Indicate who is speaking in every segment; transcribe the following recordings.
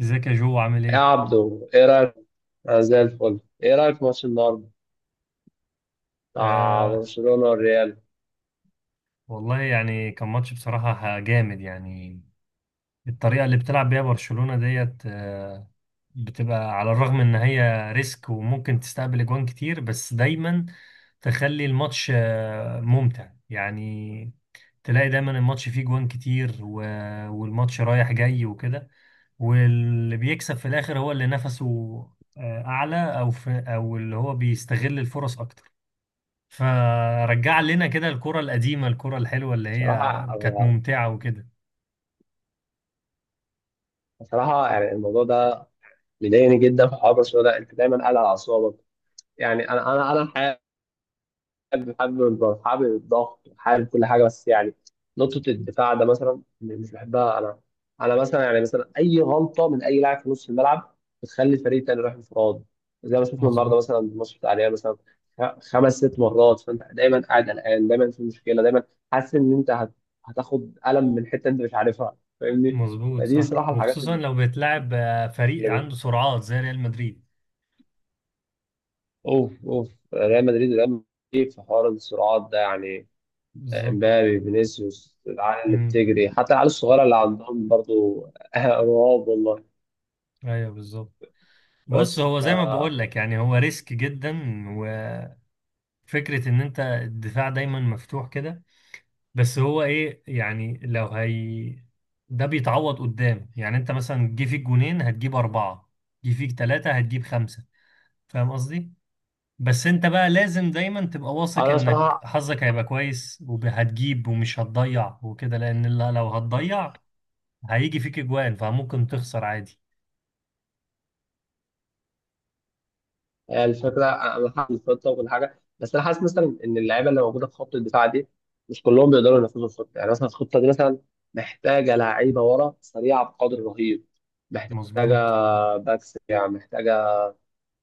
Speaker 1: ازيك يا جو عامل
Speaker 2: يا
Speaker 1: ايه؟
Speaker 2: عبدو، ايه رايك؟ انا زي الفل. ايه رايك في ماتش النهارده بتاع
Speaker 1: آه،
Speaker 2: برشلونه والريال؟
Speaker 1: والله يعني كان ماتش بصراحة جامد يعني. الطريقة اللي بتلعب بيها برشلونة ديت بتبقى، على الرغم ان هي ريسك وممكن تستقبل اجوان كتير، بس دايما تخلي الماتش ممتع يعني. تلاقي دايما الماتش فيه جوان كتير والماتش رايح جاي وكده، واللي بيكسب في الاخر هو اللي نفسه اعلى، او في، او اللي هو بيستغل الفرص اكتر. فرجع لنا كده الكرة القديمة، الكرة الحلوة اللي هي
Speaker 2: بصراحه
Speaker 1: كانت ممتعة وكده.
Speaker 2: بصراحه يعني الموضوع ده مضايقني جدا في حوار برشلونه ده، انت دايما قاعد على اعصابك. يعني انا الحقيقه حابب الضغط، حابب الضغط، حابب كل حاجه، بس يعني نقطه الدفاع ده مثلا مش بحبها. انا مثلا، يعني مثلا، اي غلطه من اي لاعب في نص الملعب بتخلي الفريق التاني يروح انفراد، زي ما شفنا النهارده
Speaker 1: مظبوط.
Speaker 2: مثلا الماتش بتاع الريال مثلا. خمس ست مرات، فانت دايما قاعد قلقان، دايما في مشكله، دايما حاسس ان انت هتاخد قلم من حته انت مش عارفها، فاهمني؟
Speaker 1: مظبوط
Speaker 2: فدي
Speaker 1: صح،
Speaker 2: صراحه الحاجات
Speaker 1: وخصوصا
Speaker 2: اللي
Speaker 1: لو بيتلعب فريق
Speaker 2: بت-
Speaker 1: عنده سرعات زي ريال مدريد.
Speaker 2: اوف اوف. ريال مدريد، ريال مدريد في حوار الصراعات ده، يعني
Speaker 1: بالظبط.
Speaker 2: امبابي، فينيسيوس، العيال اللي
Speaker 1: امم.
Speaker 2: بتجري، حتى العيال الصغيره اللي عندهم برضو رعب. والله.
Speaker 1: ايوه بالظبط. بص،
Speaker 2: بس
Speaker 1: هو
Speaker 2: ف
Speaker 1: زي ما بقول لك يعني هو ريسك جدا، وفكرة ان انت الدفاع دايما مفتوح كده، بس هو ايه يعني؟ لو هي ده بيتعوض قدام، يعني انت مثلا جه فيك جونين هتجيب أربعة، جه فيك ثلاثة هتجيب خمسة. فاهم قصدي؟ بس انت بقى لازم دايما تبقى واثق
Speaker 2: انا
Speaker 1: انك
Speaker 2: بصراحه
Speaker 1: حظك هيبقى كويس وهتجيب ومش هتضيع وكده، لان لو هتضيع هيجي فيك اجوان فممكن تخسر عادي.
Speaker 2: يعني الفكره، انا حاسس الخطه وكل حاجه، بس انا حاسس مثلا ان اللعيبه اللي موجوده في خط الدفاع دي مش كلهم بيقدروا ينفذوا الخطه. يعني مثلا الخطه دي مثلا محتاجه لعيبه ورا سريعه بقدر رهيب،
Speaker 1: مظبوت.
Speaker 2: محتاجه باكس يعني، محتاجه.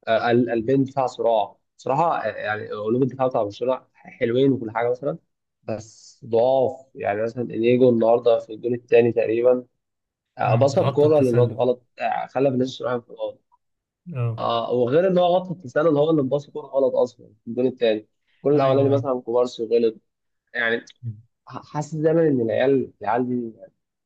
Speaker 2: البين بتاع صراع صراحة، يعني قلوب الدفاع بتاع برشلونة حلوين وكل حاجة مثلا، بس ضعاف. يعني مثلا انيجو النهارده في الجول الثاني تقريبا،
Speaker 1: مم،
Speaker 2: بص،
Speaker 1: غطى
Speaker 2: الكورة للواد
Speaker 1: التسلل.
Speaker 2: غلط، خلى فينيسيوس رايح انفراد.
Speaker 1: اه.
Speaker 2: اه، وغير ان هو غلط في التسلل، هو اللي مباص الكورة غلط اصلا في الجول الثاني. الجول الاولاني
Speaker 1: ايوه ايوه.
Speaker 2: مثلا كوبارسي غلط، يعني
Speaker 1: مم.
Speaker 2: حاسس دايما ان العيال دي،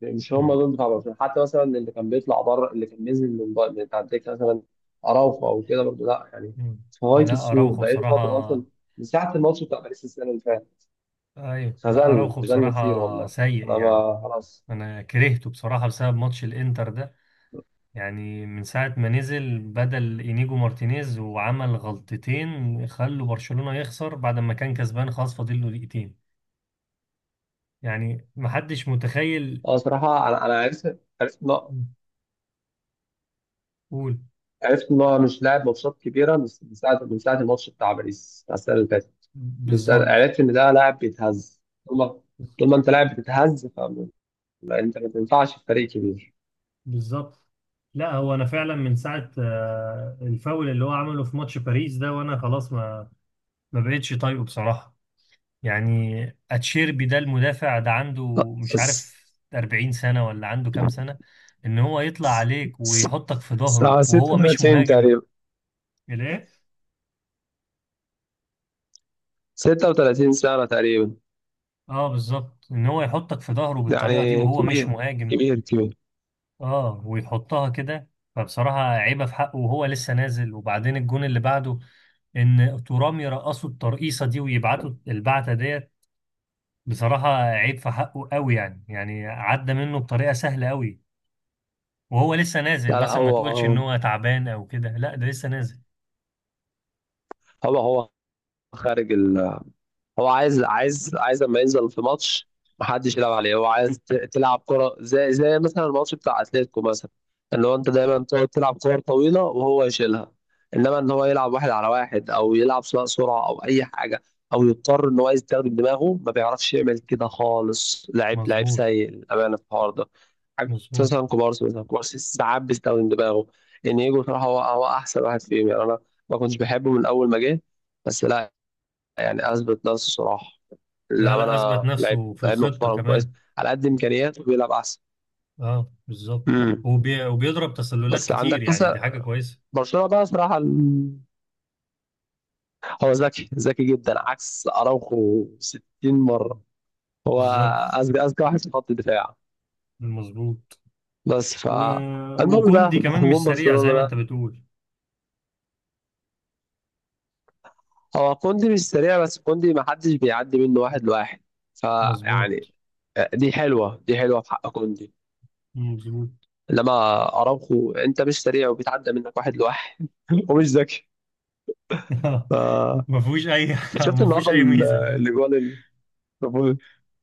Speaker 2: يعني مش هم
Speaker 1: مم.
Speaker 2: دول بتاع برشلونه، حتى مثلا اللي كان بيطلع بره، اللي كان بينزل من بره من بتاع الدكه مثلا، اراوخو او كده برضه، لا يعني،
Speaker 1: مم.
Speaker 2: في غايه
Speaker 1: لا
Speaker 2: السوق
Speaker 1: اراوخو
Speaker 2: بقاله فتره
Speaker 1: بصراحة.
Speaker 2: اصلا، من ساعه الماتش بتاع باريس السنه اللي فاتت.
Speaker 1: ايوه، لا
Speaker 2: خذلنا
Speaker 1: اراوخو
Speaker 2: خذلنا كتير
Speaker 1: بصراحة
Speaker 2: والله،
Speaker 1: سيء
Speaker 2: انا
Speaker 1: يعني.
Speaker 2: ما خلاص.
Speaker 1: انا كرهته بصراحة بسبب ماتش الانتر ده، يعني من ساعة ما نزل بدل إنيجو مارتينيز وعمل غلطتين خلوا برشلونة يخسر بعد ما كان كسبان خلاص فاضل له دقيقتين. يعني محدش متخيل.
Speaker 2: اه صراحه، انا عرفت
Speaker 1: قول.
Speaker 2: عرفت ان هو مش لاعب ماتشات كبيره، من ساعه الماتش بتاع باريس بتاع السنه اللي فاتت.
Speaker 1: بالظبط.
Speaker 2: عرفت ان ده لاعب بيتهز. طول ما طول ما انت لاعب بتتهز، لا انت ما تنفعش في فريق كبير.
Speaker 1: بالظبط. لا هو انا فعلا من ساعه الفاول اللي هو عمله في ماتش باريس ده، وانا خلاص ما بقتش طايقه بصراحه يعني. اتشيربي ده المدافع ده عنده مش
Speaker 2: الس-
Speaker 1: عارف 40 سنة ولا عنده كام سنة، ان هو يطلع عليك ويحطك في ظهره
Speaker 2: الساعة
Speaker 1: وهو مش
Speaker 2: 36
Speaker 1: مهاجم.
Speaker 2: تقريبا،
Speaker 1: الايه؟
Speaker 2: 36 سنة تقريبا
Speaker 1: اه بالظبط، ان هو يحطك في ظهره بالطريقة دي
Speaker 2: يعني.
Speaker 1: وهو مش
Speaker 2: كبير،
Speaker 1: مهاجم.
Speaker 2: كبير، كبير.
Speaker 1: اه ويحطها كده. فبصراحة عيبة في حقه وهو لسه نازل، وبعدين الجون اللي بعده ان ترام يرقصوا الترقيصة دي ويبعتوا البعتة ديت، بصراحة عيب في حقه قوي يعني، يعني عدى منه بطريقة سهلة قوي وهو لسه نازل.
Speaker 2: لا، لا.
Speaker 1: مثلا ما
Speaker 2: هو
Speaker 1: تقولش ان
Speaker 2: هو
Speaker 1: هو تعبان او كده، لا ده لسه نازل.
Speaker 2: هو هو خارج. هو عايز لما ينزل في ماتش محدش يلعب عليه. هو عايز تلعب كرة، زي مثلا الماتش بتاع اتلتيكو مثلا، ان هو انت دايما تقعد تلعب كور طويلة وهو يشيلها. انما ان هو يلعب واحد على واحد، او يلعب سواء سرعة او اي حاجة، او يضطر ان هو يستخدم دماغه، ما بيعرفش يعمل كده خالص. لعيب، لعيب
Speaker 1: مظبوط.
Speaker 2: سيء للأمانة في الحوار ده. عكس
Speaker 1: مظبوط.
Speaker 2: مثلا كوبارسي، مثلا كوبارسي ساعات بيستخدم دماغه. انيجو صراحة هو احسن واحد فيهم، يعني انا ما كنتش بحبه من اول ما جه، بس لا يعني اثبت نفسه صراحه،
Speaker 1: لا لا، اثبت
Speaker 2: للامانه، لعيب
Speaker 1: نفسه في
Speaker 2: لعيب
Speaker 1: الخطة
Speaker 2: محترم كويس،
Speaker 1: كمان.
Speaker 2: على قد امكانياته بيلعب احسن.
Speaker 1: اه بالظبط.
Speaker 2: امم.
Speaker 1: وبيضرب تسللات
Speaker 2: بس
Speaker 1: كتير،
Speaker 2: عندك
Speaker 1: يعني دي حاجة
Speaker 2: مثلا
Speaker 1: كويسة.
Speaker 2: برشلونه، بقى صراحه، هو ذكي ذكي جدا، عكس اراوخو 60 مره، هو
Speaker 1: بالظبط.
Speaker 2: اذكى واحد في خط الدفاع.
Speaker 1: مظبوط.
Speaker 2: بس ف
Speaker 1: و...
Speaker 2: المهم بقى
Speaker 1: وكوندي كمان
Speaker 2: هجوم
Speaker 1: مش سريع زي
Speaker 2: برشلونه
Speaker 1: ما انت
Speaker 2: ده.
Speaker 1: بتقول.
Speaker 2: هو كوندي مش سريع، بس كوندي ما حدش بيعدي منه واحد لواحد، فيعني
Speaker 1: مظبوط.
Speaker 2: دي حلوه في حق كوندي،
Speaker 1: مظبوط.
Speaker 2: لما اراوخو انت مش سريع، وبيتعدى منك واحد لواحد، ومش ذكي. ف...
Speaker 1: ما فيهوش اي
Speaker 2: شفت
Speaker 1: ما فيهوش
Speaker 2: النهارده
Speaker 1: اي ميزة.
Speaker 2: الاجوان اللي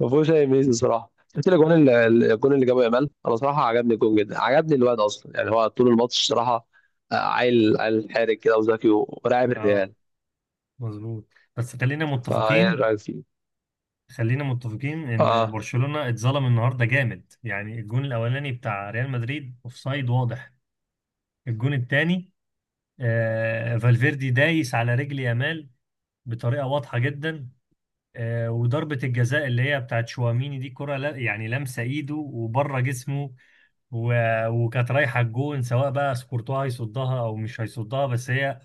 Speaker 2: ما فيهوش اي ميزه صراحه، شفت الاجوان الجون اللي جابه يامال، انا صراحه عجبني الجون جدا، عجبني الواد اصلا، يعني هو طول الماتش صراحه عيل عيل حارق كده وذكي ولاعب
Speaker 1: اه.
Speaker 2: الريال.
Speaker 1: مظبوط. بس خلينا
Speaker 2: فايه
Speaker 1: متفقين،
Speaker 2: رايك فيه؟
Speaker 1: خلينا متفقين ان
Speaker 2: اه،
Speaker 1: برشلونة اتظلم النهارده جامد، يعني الجون الاولاني بتاع ريال مدريد اوفسايد واضح. الجون الثاني، آه، فالفيردي دايس على رجل يامال بطريقة واضحة جدا. آه، وضربة الجزاء اللي هي بتاعت شواميني دي كرة، لا يعني لمسة ايده وبره جسمه، وكانت رايحة الجون، سواء بقى سكورتوها هيصدها او مش هيصدها، بس هي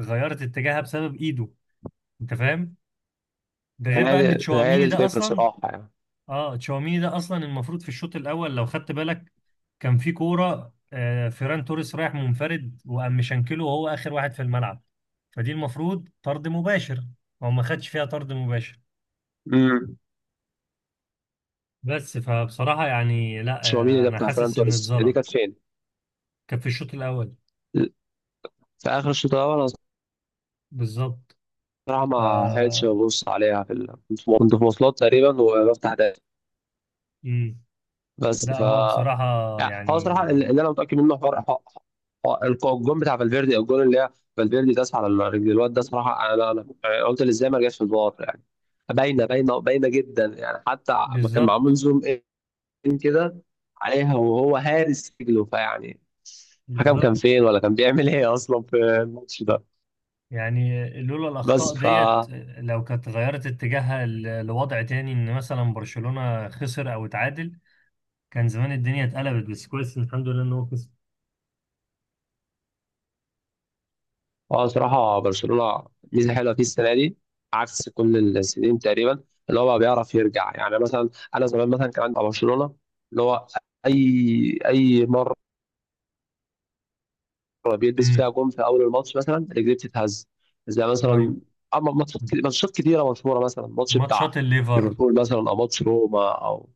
Speaker 1: غيرت اتجاهها بسبب ايده. انت فاهم؟ ده غير
Speaker 2: هي
Speaker 1: بقى ان
Speaker 2: دي هي دي
Speaker 1: تشواميني ده
Speaker 2: الفكره
Speaker 1: اصلا.
Speaker 2: صراحه يعني.
Speaker 1: اه، تشاوميني ده اصلا المفروض في الشوط الاول لو خدت بالك، كان في كوره فيران توريس رايح منفرد وقام مشنكله وهو اخر واحد في الملعب، فدي المفروض طرد مباشر. هو ما خدش فيها طرد مباشر.
Speaker 2: امم.
Speaker 1: بس فبصراحه يعني لا،
Speaker 2: تشاوميني ده
Speaker 1: انا
Speaker 2: بتاع فران
Speaker 1: حاسس ان
Speaker 2: توريس دي
Speaker 1: اتظلم.
Speaker 2: كانت فين؟
Speaker 1: كان في الشوط الاول.
Speaker 2: في اخر الشوط الاول، انا
Speaker 1: بالظبط.
Speaker 2: صراحه
Speaker 1: ف...
Speaker 2: ما حاولتش ابص عليها كنت في مواصلات تقريبا وبفتح داتا.
Speaker 1: مم.
Speaker 2: بس
Speaker 1: لا
Speaker 2: ف
Speaker 1: هو بصراحه
Speaker 2: يعني
Speaker 1: يعني.
Speaker 2: هو صراحة اللي انا متاكد منه، الجون بتاع فالفيردي، او الجون اللي هي فالفيردي داس على رجل الواد ده صراحه. انا قلت ازاي ما رجعش في الفار؟ يعني باينه، باينه، باينه جدا، يعني حتى ما كان معمول
Speaker 1: بالظبط.
Speaker 2: زوم ان كده عليها، وهو هارس رجله، فيعني الحكم كان
Speaker 1: بالظبط.
Speaker 2: فين؟ ولا كان بيعمل ايه اصلا في الماتش ده؟
Speaker 1: يعني لولا الأخطاء
Speaker 2: بس ف
Speaker 1: ديت، لو كانت غيرت اتجاهها لوضع تاني إن مثلا برشلونة خسر أو اتعادل، كان زمان الدنيا اتقلبت، بس كويس إن الحمد لله إن هو كسب.
Speaker 2: اه صراحة برشلونة ميزة حلوة فيه السنة دي، عكس كل السنين تقريبا، اللي هو بقى بيعرف يرجع. يعني مثلا أنا زمان مثلا كان عندي مع برشلونة، اللي هو أي مرة بيلبس فيها
Speaker 1: امم.
Speaker 2: جون في أول الماتش مثلا رجليه بتتهز، زي مثلا،
Speaker 1: أيوه.
Speaker 2: أما ماتشات كتيرة مشهورة، مثلا ماتش
Speaker 1: ماتشات
Speaker 2: بتاع
Speaker 1: الليفر.
Speaker 2: ليفربول مثلا، أو ماتش روما، أو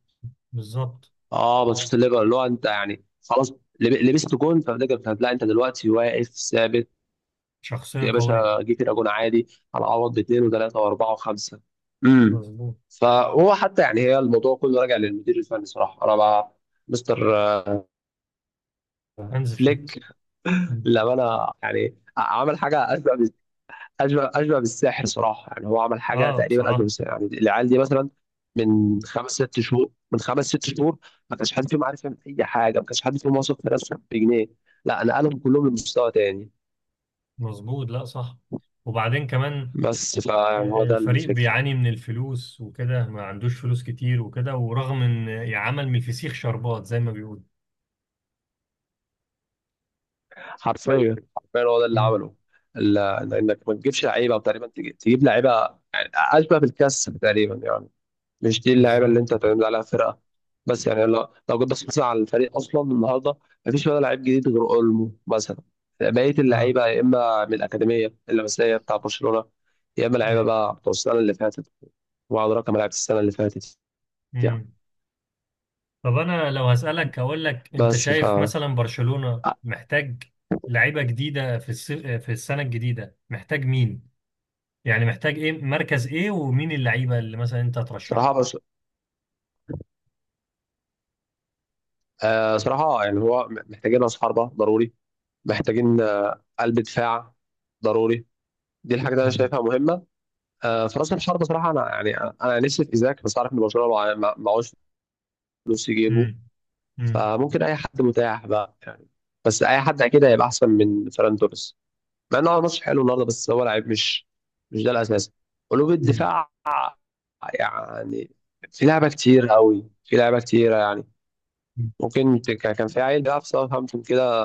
Speaker 1: بالظبط.
Speaker 2: اه ماتشات الليفر، اللي هو أنت يعني خلاص لبست جون، فبتقدر، لا أنت دلوقتي واقف ثابت.
Speaker 1: شخصية
Speaker 2: يا
Speaker 1: قوية.
Speaker 2: باشا، جه فرقه جون عادي، هنعوض باثنين وثلاثه واربعه وخمسه. امم.
Speaker 1: مظبوط.
Speaker 2: فهو حتى يعني، هي الموضوع كله راجع للمدير الفني صراحه. انا بقى مستر
Speaker 1: هانز فليك.
Speaker 2: فليك
Speaker 1: مم.
Speaker 2: للامانه يعني عمل حاجه اشبه بالسحر صراحه. يعني هو عمل حاجه
Speaker 1: آه
Speaker 2: تقريبا اشبه
Speaker 1: بصراحة.
Speaker 2: بالسحر، يعني العيال دي مثلا من خمس ست شهور ما كانش حد فيهم عارف يعمل اي حاجه، ما كانش حد فيهم واثق في نفسه بجنيه، لا، نقلهم كلهم لمستوى تاني.
Speaker 1: مظبوط، لا صح. وبعدين كمان
Speaker 2: بس فيعني هو ده
Speaker 1: الفريق
Speaker 2: الفكره.
Speaker 1: بيعاني من الفلوس وكده، ما عندوش فلوس كتير وكده، ورغم إن يعمل من الفسيخ شربات زي ما بيقولوا.
Speaker 2: حرفيا هو ده اللي
Speaker 1: امم.
Speaker 2: عمله. ال- لانك ما تجيبش لعيبه تقريبا، تجيب لعيبه يعني اشبه بالكاس تقريبا يعني، مش دي اللعيبه
Speaker 1: بالظبط.
Speaker 2: اللي انت تعتمد عليها فرقه. بس يعني لو جيت بصيت مثلا على الفريق اصلا النهارده، ما فيش ولا لعيب جديد غير اولمو مثلا. بقيه
Speaker 1: آه.
Speaker 2: اللعيبه يا اما من الاكاديميه اللمسيه بتاع برشلونه، يا اما لعيبه
Speaker 1: ايوه.
Speaker 2: بقى بتوع السنه اللي فاتت، وعلى رقم لعيبه السنه اللي فاتت يعني.
Speaker 1: امم. طب انا لو هسألك هقول لك، انت
Speaker 2: بس ف
Speaker 1: شايف مثلا برشلونة محتاج لعيبة جديدة في في السنة الجديدة، محتاج مين؟ يعني محتاج ايه؟ مركز ايه؟ ومين اللعيبة اللي مثلا انت
Speaker 2: صراحه
Speaker 1: هترشحها؟
Speaker 2: بس صراحه يعني هو محتاجين راس حربه ضروري، محتاجين قلب دفاع ضروري، دي الحاجة اللي أنا
Speaker 1: امم.
Speaker 2: شايفها مهمة. في رأس الحربة صراحة أنا يعني أنا نفسي في إيزاك، بس عارف إن برشلونة معهوش فلوس يجيبه.
Speaker 1: امم. امم.
Speaker 2: فممكن أي حد متاح بقى يعني، بس أي حد أكيد هيبقى أحسن من فيران توريس، مع إنه عمل ماتش حلو النهاردة، بس هو لعيب مش ده الأساس. قلوب
Speaker 1: امم.
Speaker 2: الدفاع يعني في لعبة كتير قوي، في لعبة كتيرة يعني، ممكن كان في عيل بيلعب في ساوثهامبتون كده،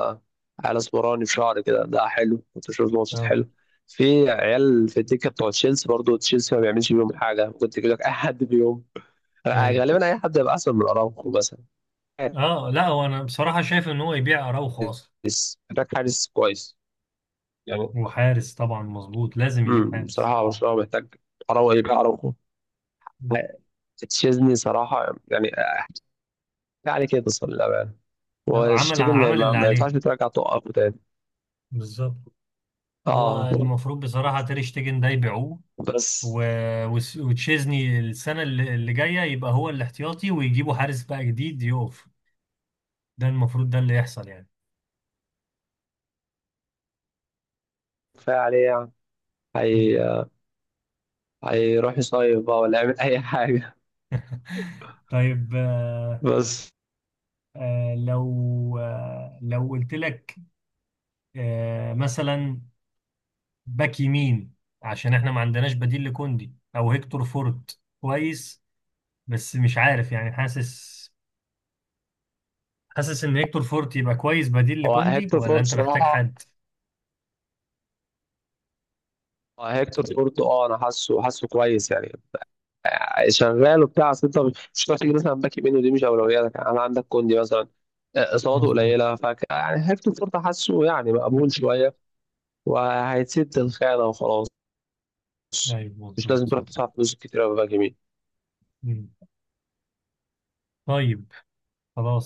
Speaker 2: على اسمراني في شعري كده، ده حلو، كنت بشوف ماتشات
Speaker 1: اه.
Speaker 2: حلو. في عيال في الدكه بتوع تشيلسي برضه، تشيلسي ما بيعملش بيهم حاجه، كنت بيقول لك اي حد بيهم،
Speaker 1: ايوه.
Speaker 2: غالبا اي حد هيبقى احسن من اراوخو مثلا.
Speaker 1: اه لا، هو انا بصراحة شايف ان هو يبيع اراوخو اصلا.
Speaker 2: حارس، محتاج حارس كويس يعني.
Speaker 1: وحارس طبعا مظبوط، لازم يجيب حارس.
Speaker 2: بصراحه برشلونه محتاج، اراوخو يبقى اراوخو.
Speaker 1: مم.
Speaker 2: تشيزني صراحه يعني احكي عليه كده صلى الله عليه.
Speaker 1: لا، عمل
Speaker 2: وشتيجن ما,
Speaker 1: عمل
Speaker 2: ما,
Speaker 1: اللي
Speaker 2: ما ينفعش
Speaker 1: عليه.
Speaker 2: ترجع توقفه تاني.
Speaker 1: بالظبط.
Speaker 2: اه
Speaker 1: هو المفروض بصراحة تير شتيجن ده يبيعوه،
Speaker 2: بس،
Speaker 1: وتشيزني السنة اللي جاية يبقى هو الاحتياطي، ويجيبوا حارس بقى جديد يقف. ده المفروض ده اللي يحصل يعني.
Speaker 2: كفايه عليه يعني،
Speaker 1: مم.
Speaker 2: هي هيروح يصيف بقى ولا يعمل اي حاجه.
Speaker 1: طيب.
Speaker 2: بس
Speaker 1: لو قلت لك مثلا باك يمين، عشان احنا ما عندناش بديل لكوندي، او هيكتور فورت كويس بس مش عارف يعني. حاسس ان هيكتور فورت يبقى كويس بديل
Speaker 2: هو
Speaker 1: لكوندي،
Speaker 2: هيكتور
Speaker 1: ولا
Speaker 2: فورت
Speaker 1: انت محتاج
Speaker 2: صراحة،
Speaker 1: حد؟
Speaker 2: هو هيكتور فورت، اه انا حاسه كويس يعني، شغال وبتاع، اصل انت مش هتعرف تيجي مثلا باك يمين، ودي مش اولوياتك يعني. انا عندك كوندي مثلا، اصاباته
Speaker 1: مظبوط.
Speaker 2: قليلة، ف يعني هيكتور فورت حاسه يعني مقبول شوية، وهيسد الخانة وخلاص،
Speaker 1: ايوه
Speaker 2: مش
Speaker 1: مظبوط
Speaker 2: لازم
Speaker 1: صح.
Speaker 2: تروح تدفع فلوس كتير قوي باك يمين.
Speaker 1: مم. طيب،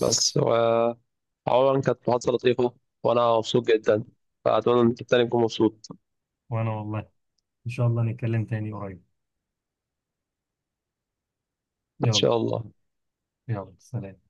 Speaker 2: بس و عموما كانت محادثة لطيفة، وانا مبسوط جدا، فاتمنى ان انت التاني تكون مبسوط.
Speaker 1: وأنا والله، إن شاء الله نتكلم تاني قريب.
Speaker 2: ان
Speaker 1: يلا.
Speaker 2: شاء الله.
Speaker 1: يلا سلام.